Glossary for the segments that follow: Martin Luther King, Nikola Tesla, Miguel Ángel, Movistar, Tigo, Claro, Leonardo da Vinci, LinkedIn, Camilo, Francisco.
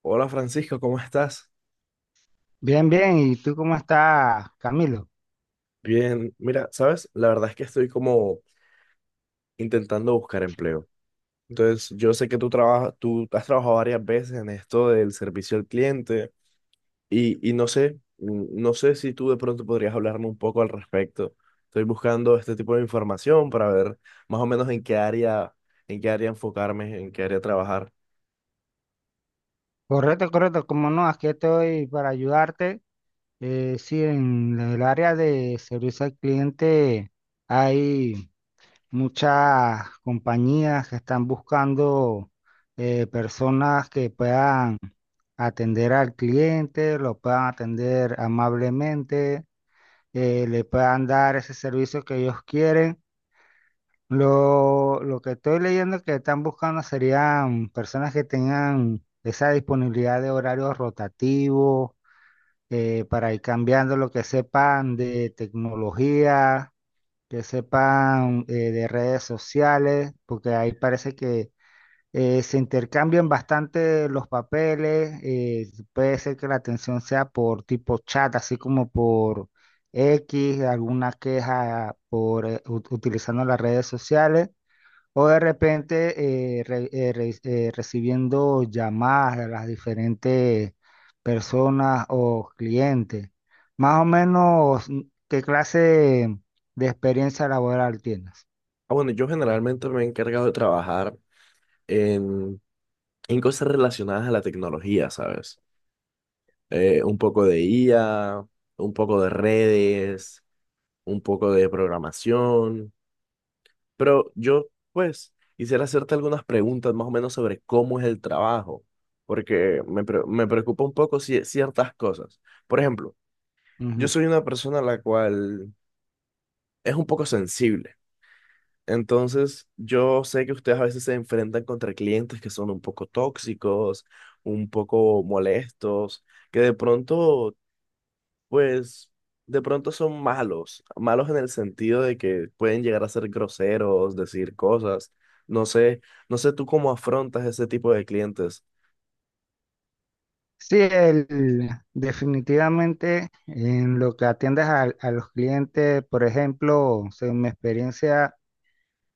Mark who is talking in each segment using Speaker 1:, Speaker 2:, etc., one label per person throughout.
Speaker 1: Hola, Francisco, ¿cómo estás?
Speaker 2: Bien, bien. ¿Y tú cómo estás, Camilo?
Speaker 1: Bien, mira, sabes, la verdad es que estoy como intentando buscar empleo. Entonces, yo sé que tú trabajas, tú has trabajado varias veces en esto del servicio al cliente y no sé, no sé si tú de pronto podrías hablarme un poco al respecto. Estoy buscando este tipo de información para ver más o menos en qué área enfocarme, en qué área trabajar.
Speaker 2: Correcto, correcto. Como no, aquí estoy para ayudarte. Sí, en el área de servicio al cliente hay muchas compañías que están buscando personas que puedan atender al cliente, lo puedan atender amablemente, le puedan dar ese servicio que ellos quieren. Lo que estoy leyendo que están buscando serían personas que tengan esa disponibilidad de horarios rotativos para ir cambiando lo que sepan de tecnología, que sepan de redes sociales, porque ahí parece que se intercambian bastante los papeles. Puede ser que la atención sea por tipo chat, así como por X, alguna queja por utilizando las redes sociales. O de repente recibiendo llamadas de las diferentes personas o clientes. Más o menos, ¿qué clase de experiencia laboral tienes?
Speaker 1: Bueno, yo generalmente me he encargado de trabajar en, en cosas relacionadas a la tecnología, ¿sabes? Un poco de IA, un poco de redes, un poco de programación. Pero yo, pues, quisiera hacerte algunas preguntas más o menos sobre cómo es el trabajo, porque me preocupa un poco ciertas cosas. Por ejemplo, yo
Speaker 2: Ujú.
Speaker 1: soy una persona la cual es un poco sensible. Entonces, yo sé que ustedes a veces se enfrentan contra clientes que son un poco tóxicos, un poco molestos, que de pronto. Pues de pronto son malos, malos en el sentido de que pueden llegar a ser groseros, decir cosas. No sé, no sé tú cómo afrontas ese tipo de clientes.
Speaker 2: Sí, el- Definitivamente en lo que atiendes a los clientes, por ejemplo, según mi experiencia,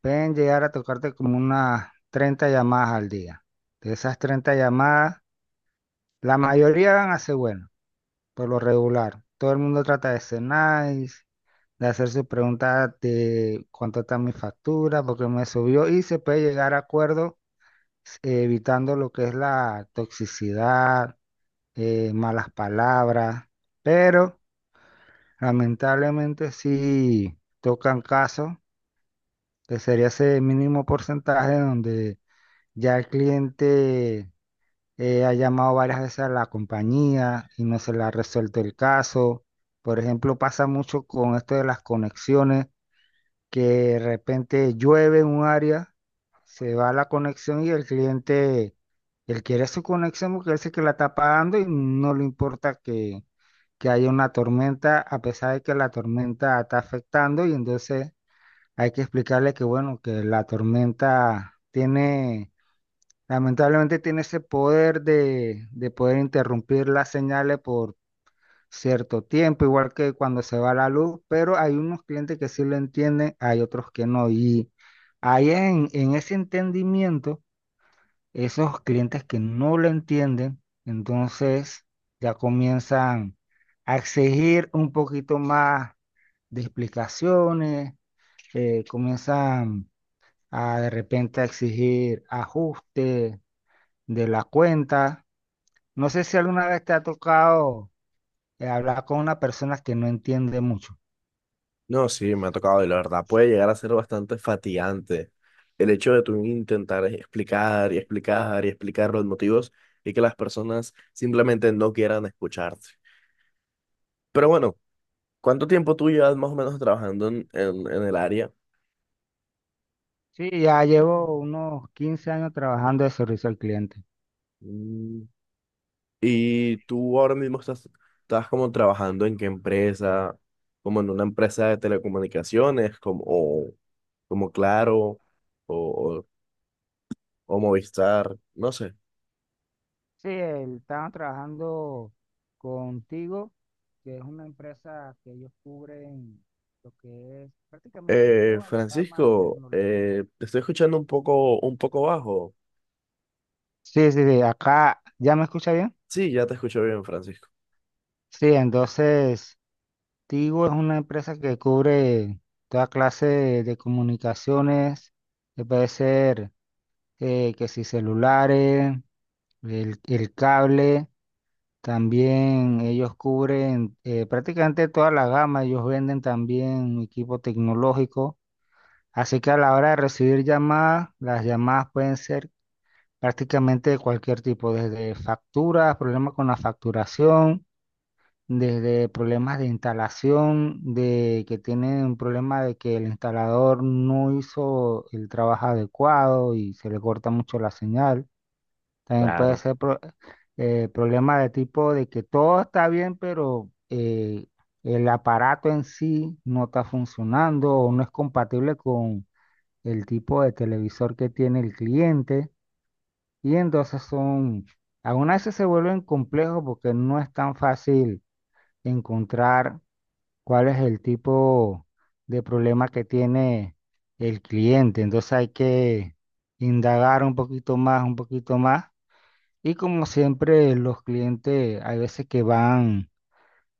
Speaker 2: pueden llegar a tocarte como unas 30 llamadas al día. De esas 30 llamadas, la mayoría van a ser buenas, por lo regular. Todo el mundo trata de ser nice, de hacer sus preguntas de cuánto está mi factura, porque me subió, y se puede llegar a acuerdos, evitando lo que es la toxicidad, malas palabras, pero lamentablemente sí tocan casos, que sería ese mínimo porcentaje donde ya el cliente ha llamado varias veces a la compañía y no se le ha resuelto el caso. Por ejemplo, pasa mucho con esto de las conexiones, que de repente llueve en un área, se va la conexión y el cliente, él quiere su conexión porque él sé que la está pagando y no le importa que haya una tormenta, a pesar de que la tormenta está afectando, y entonces hay que explicarle que, bueno, que la tormenta tiene, lamentablemente tiene ese poder de poder interrumpir las señales por cierto tiempo, igual que cuando se va la luz, pero hay unos clientes que sí lo entienden, hay otros que no. Y ahí en ese entendimiento, esos clientes que no lo entienden, entonces ya comienzan a exigir un poquito más de explicaciones, comienzan a de repente a exigir ajustes de la cuenta. No sé si alguna vez te ha tocado hablar con una persona que no entiende mucho.
Speaker 1: No, sí, me ha tocado y la verdad puede llegar a ser bastante fatigante el hecho de tú intentar explicar y explicar y explicar los motivos y que las personas simplemente no quieran escucharte. Pero bueno, ¿cuánto tiempo tú llevas más o menos trabajando en el área?
Speaker 2: Sí, ya llevo unos 15 años trabajando de servicio al cliente.
Speaker 1: Mm. ¿Y tú ahora mismo estás, estás como trabajando en qué empresa? ¿Como en una empresa de telecomunicaciones? Como, o, como Claro o, o Movistar, no sé.
Speaker 2: Estaba trabajando contigo, que es una empresa que ellos cubren lo que es prácticamente toda la gama de
Speaker 1: Francisco,
Speaker 2: tecnología.
Speaker 1: te estoy escuchando un poco bajo.
Speaker 2: Sí, sí, sí, acá, ¿ya me escucha bien?
Speaker 1: Sí, ya te escucho bien, Francisco.
Speaker 2: Sí, entonces, Tigo es una empresa que cubre toda clase de comunicaciones, que puede ser que si celulares, el cable, también ellos cubren prácticamente toda la gama, ellos venden también equipo tecnológico, así que a la hora de recibir llamadas, las llamadas pueden ser prácticamente de cualquier tipo, desde facturas, problemas con la facturación, desde problemas de instalación, de que tienen un problema de que el instalador no hizo el trabajo adecuado y se le corta mucho la señal. También puede ser problema de tipo de que todo está bien, pero el aparato en sí no está funcionando o no es compatible con el tipo de televisor que tiene el cliente. Y aún así se vuelven complejos porque no es tan fácil encontrar cuál es el tipo de problema que tiene el cliente. Entonces hay que indagar un poquito más, un poquito más, y como siempre, los clientes hay veces que van,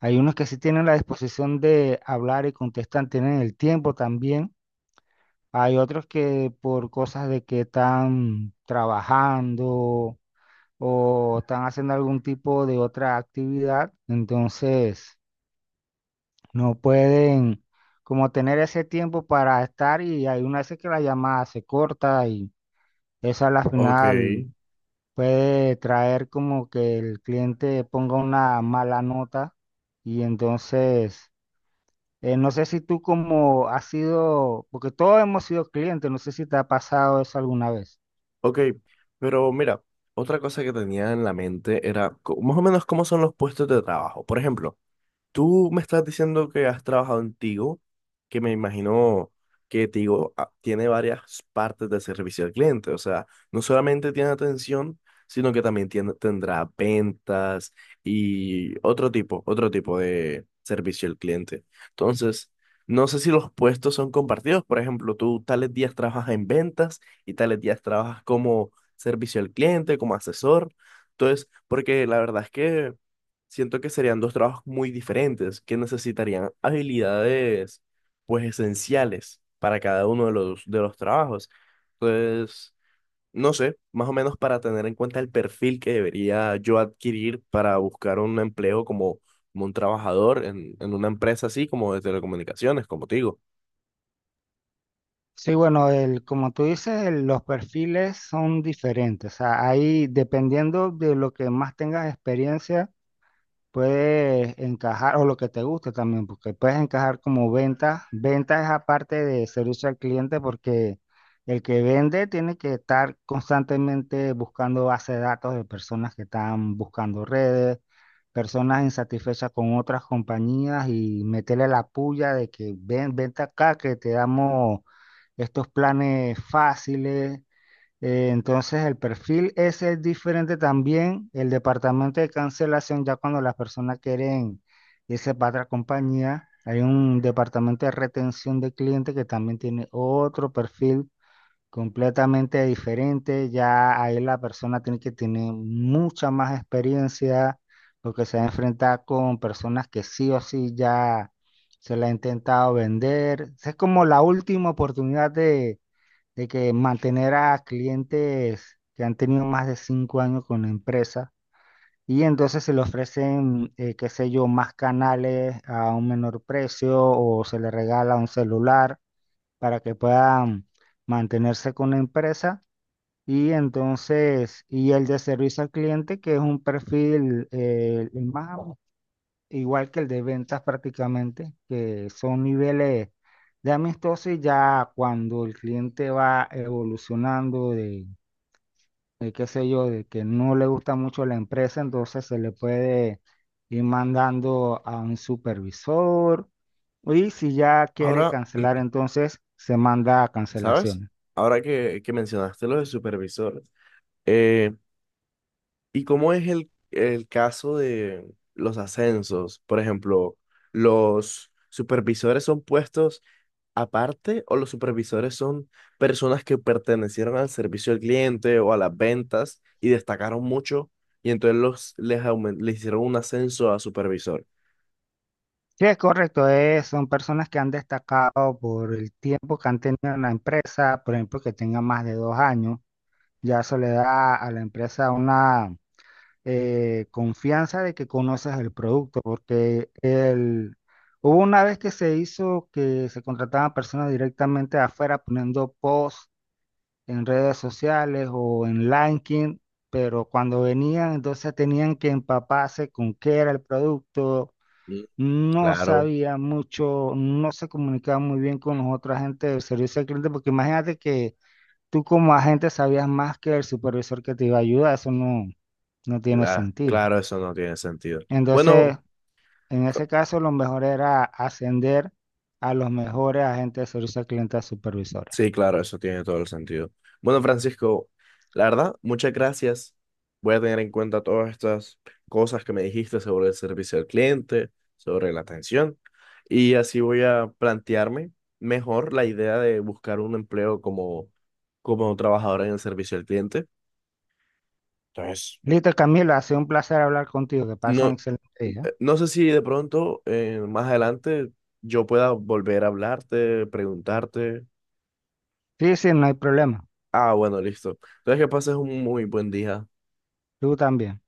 Speaker 2: hay unos que sí tienen la disposición de hablar y contestan, tienen el tiempo también. Hay otros que por cosas de que están trabajando o están haciendo algún tipo de otra actividad, entonces no pueden como tener ese tiempo para estar, y hay una veces que la llamada se corta y esa es la
Speaker 1: Ok,
Speaker 2: final, puede traer como que el cliente ponga una mala nota. Y entonces, no sé si tú como has sido, porque todos hemos sido clientes, no sé si te ha pasado eso alguna vez.
Speaker 1: ok, pero mira, otra cosa que tenía en la mente era más o menos cómo son los puestos de trabajo. Por ejemplo, tú me estás diciendo que has trabajado en Tigo, que me imagino que Tigo tiene varias partes de servicio al cliente. O sea, no solamente tiene atención, sino que también tiene- tendrá ventas y otro tipo de servicio al cliente. Entonces, no sé si los puestos son compartidos. Por ejemplo, tú tales días trabajas en ventas y tales días trabajas como servicio al cliente, como asesor. Entonces, porque la verdad es que siento que serían dos trabajos muy diferentes, que necesitarían habilidades pues esenciales para cada uno de de los trabajos. Entonces, no sé, más o menos para tener en cuenta el perfil que debería yo adquirir para buscar un empleo como, como un trabajador en una empresa así como de telecomunicaciones, como te digo.
Speaker 2: Sí, bueno, como tú dices, los perfiles son diferentes, o sea, ahí dependiendo de lo que más tengas experiencia. Puedes encajar, o lo que te guste también, porque puedes encajar como venta. Venta es aparte de servicio al cliente, porque el que vende tiene que estar constantemente buscando base de datos de personas que están buscando redes, personas insatisfechas con otras compañías y meterle la puya de que vente acá, que te damos estos planes fáciles. Entonces el perfil ese es diferente también. El departamento de cancelación, ya cuando las personas quieren irse para otra compañía, hay un departamento de retención de clientes que también tiene otro perfil completamente diferente. Ya ahí la persona tiene que tener mucha más experiencia porque se va a enfrentar con personas que sí o sí ya se la ha intentado vender. Esa es como la última oportunidad de que mantener a clientes que han tenido más de 5 años con la empresa, y entonces se le ofrecen, qué sé yo, más canales a un menor precio, o se le regala un celular para que puedan mantenerse con la empresa. Y entonces, y el de servicio al cliente, que es un perfil el más igual que el de ventas prácticamente, que son niveles de amistoso, y ya cuando el cliente va evolucionando de qué sé yo, de que no le gusta mucho la empresa, entonces se le puede ir mandando a un supervisor, y si ya quiere
Speaker 1: Ahora,
Speaker 2: cancelar, entonces se manda a
Speaker 1: ¿sabes?
Speaker 2: cancelaciones.
Speaker 1: Ahora que mencionaste lo de supervisores. ¿Y cómo es el caso de los ascensos? Por ejemplo, ¿los supervisores son puestos aparte o los supervisores son personas que pertenecieron al servicio al cliente o a las ventas y destacaron mucho y entonces les hicieron un ascenso a supervisor?
Speaker 2: Sí, es correcto, son personas que han destacado por el tiempo que han tenido en la empresa, por ejemplo, que tengan más de 2 años. Ya eso le da a la empresa una confianza de que conoces el producto, porque el, hubo una vez que se hizo que se contrataban personas directamente de afuera poniendo posts en redes sociales o en LinkedIn, pero cuando venían entonces tenían que empaparse con qué era el producto,
Speaker 1: Mm.
Speaker 2: no
Speaker 1: Claro,
Speaker 2: sabía mucho, no se comunicaba muy bien con los otra gente del servicio al cliente, porque imagínate que tú como agente sabías más que el supervisor que te iba a ayudar, eso no, no tiene sentido.
Speaker 1: claro, eso no tiene sentido. Bueno.
Speaker 2: Entonces, en ese caso, lo mejor era ascender a los mejores agentes de servicio al cliente a supervisores.
Speaker 1: Sí, claro, eso tiene todo el sentido. Bueno, Francisco, la verdad, muchas gracias. Voy a tener en cuenta todas estas cosas que me dijiste sobre el servicio al cliente, sobre la atención, y así voy a plantearme mejor la idea de buscar un empleo como, como trabajador en el servicio al cliente. Entonces,
Speaker 2: Listo, Camila, ha sido un placer hablar contigo, que pasen un
Speaker 1: no,
Speaker 2: excelente día.
Speaker 1: no sé si de pronto, más adelante, yo pueda volver a hablarte, preguntarte.
Speaker 2: Sí, sí, no hay problema.
Speaker 1: Ah, bueno, listo. Entonces, que pases un muy buen día.
Speaker 2: Tú también.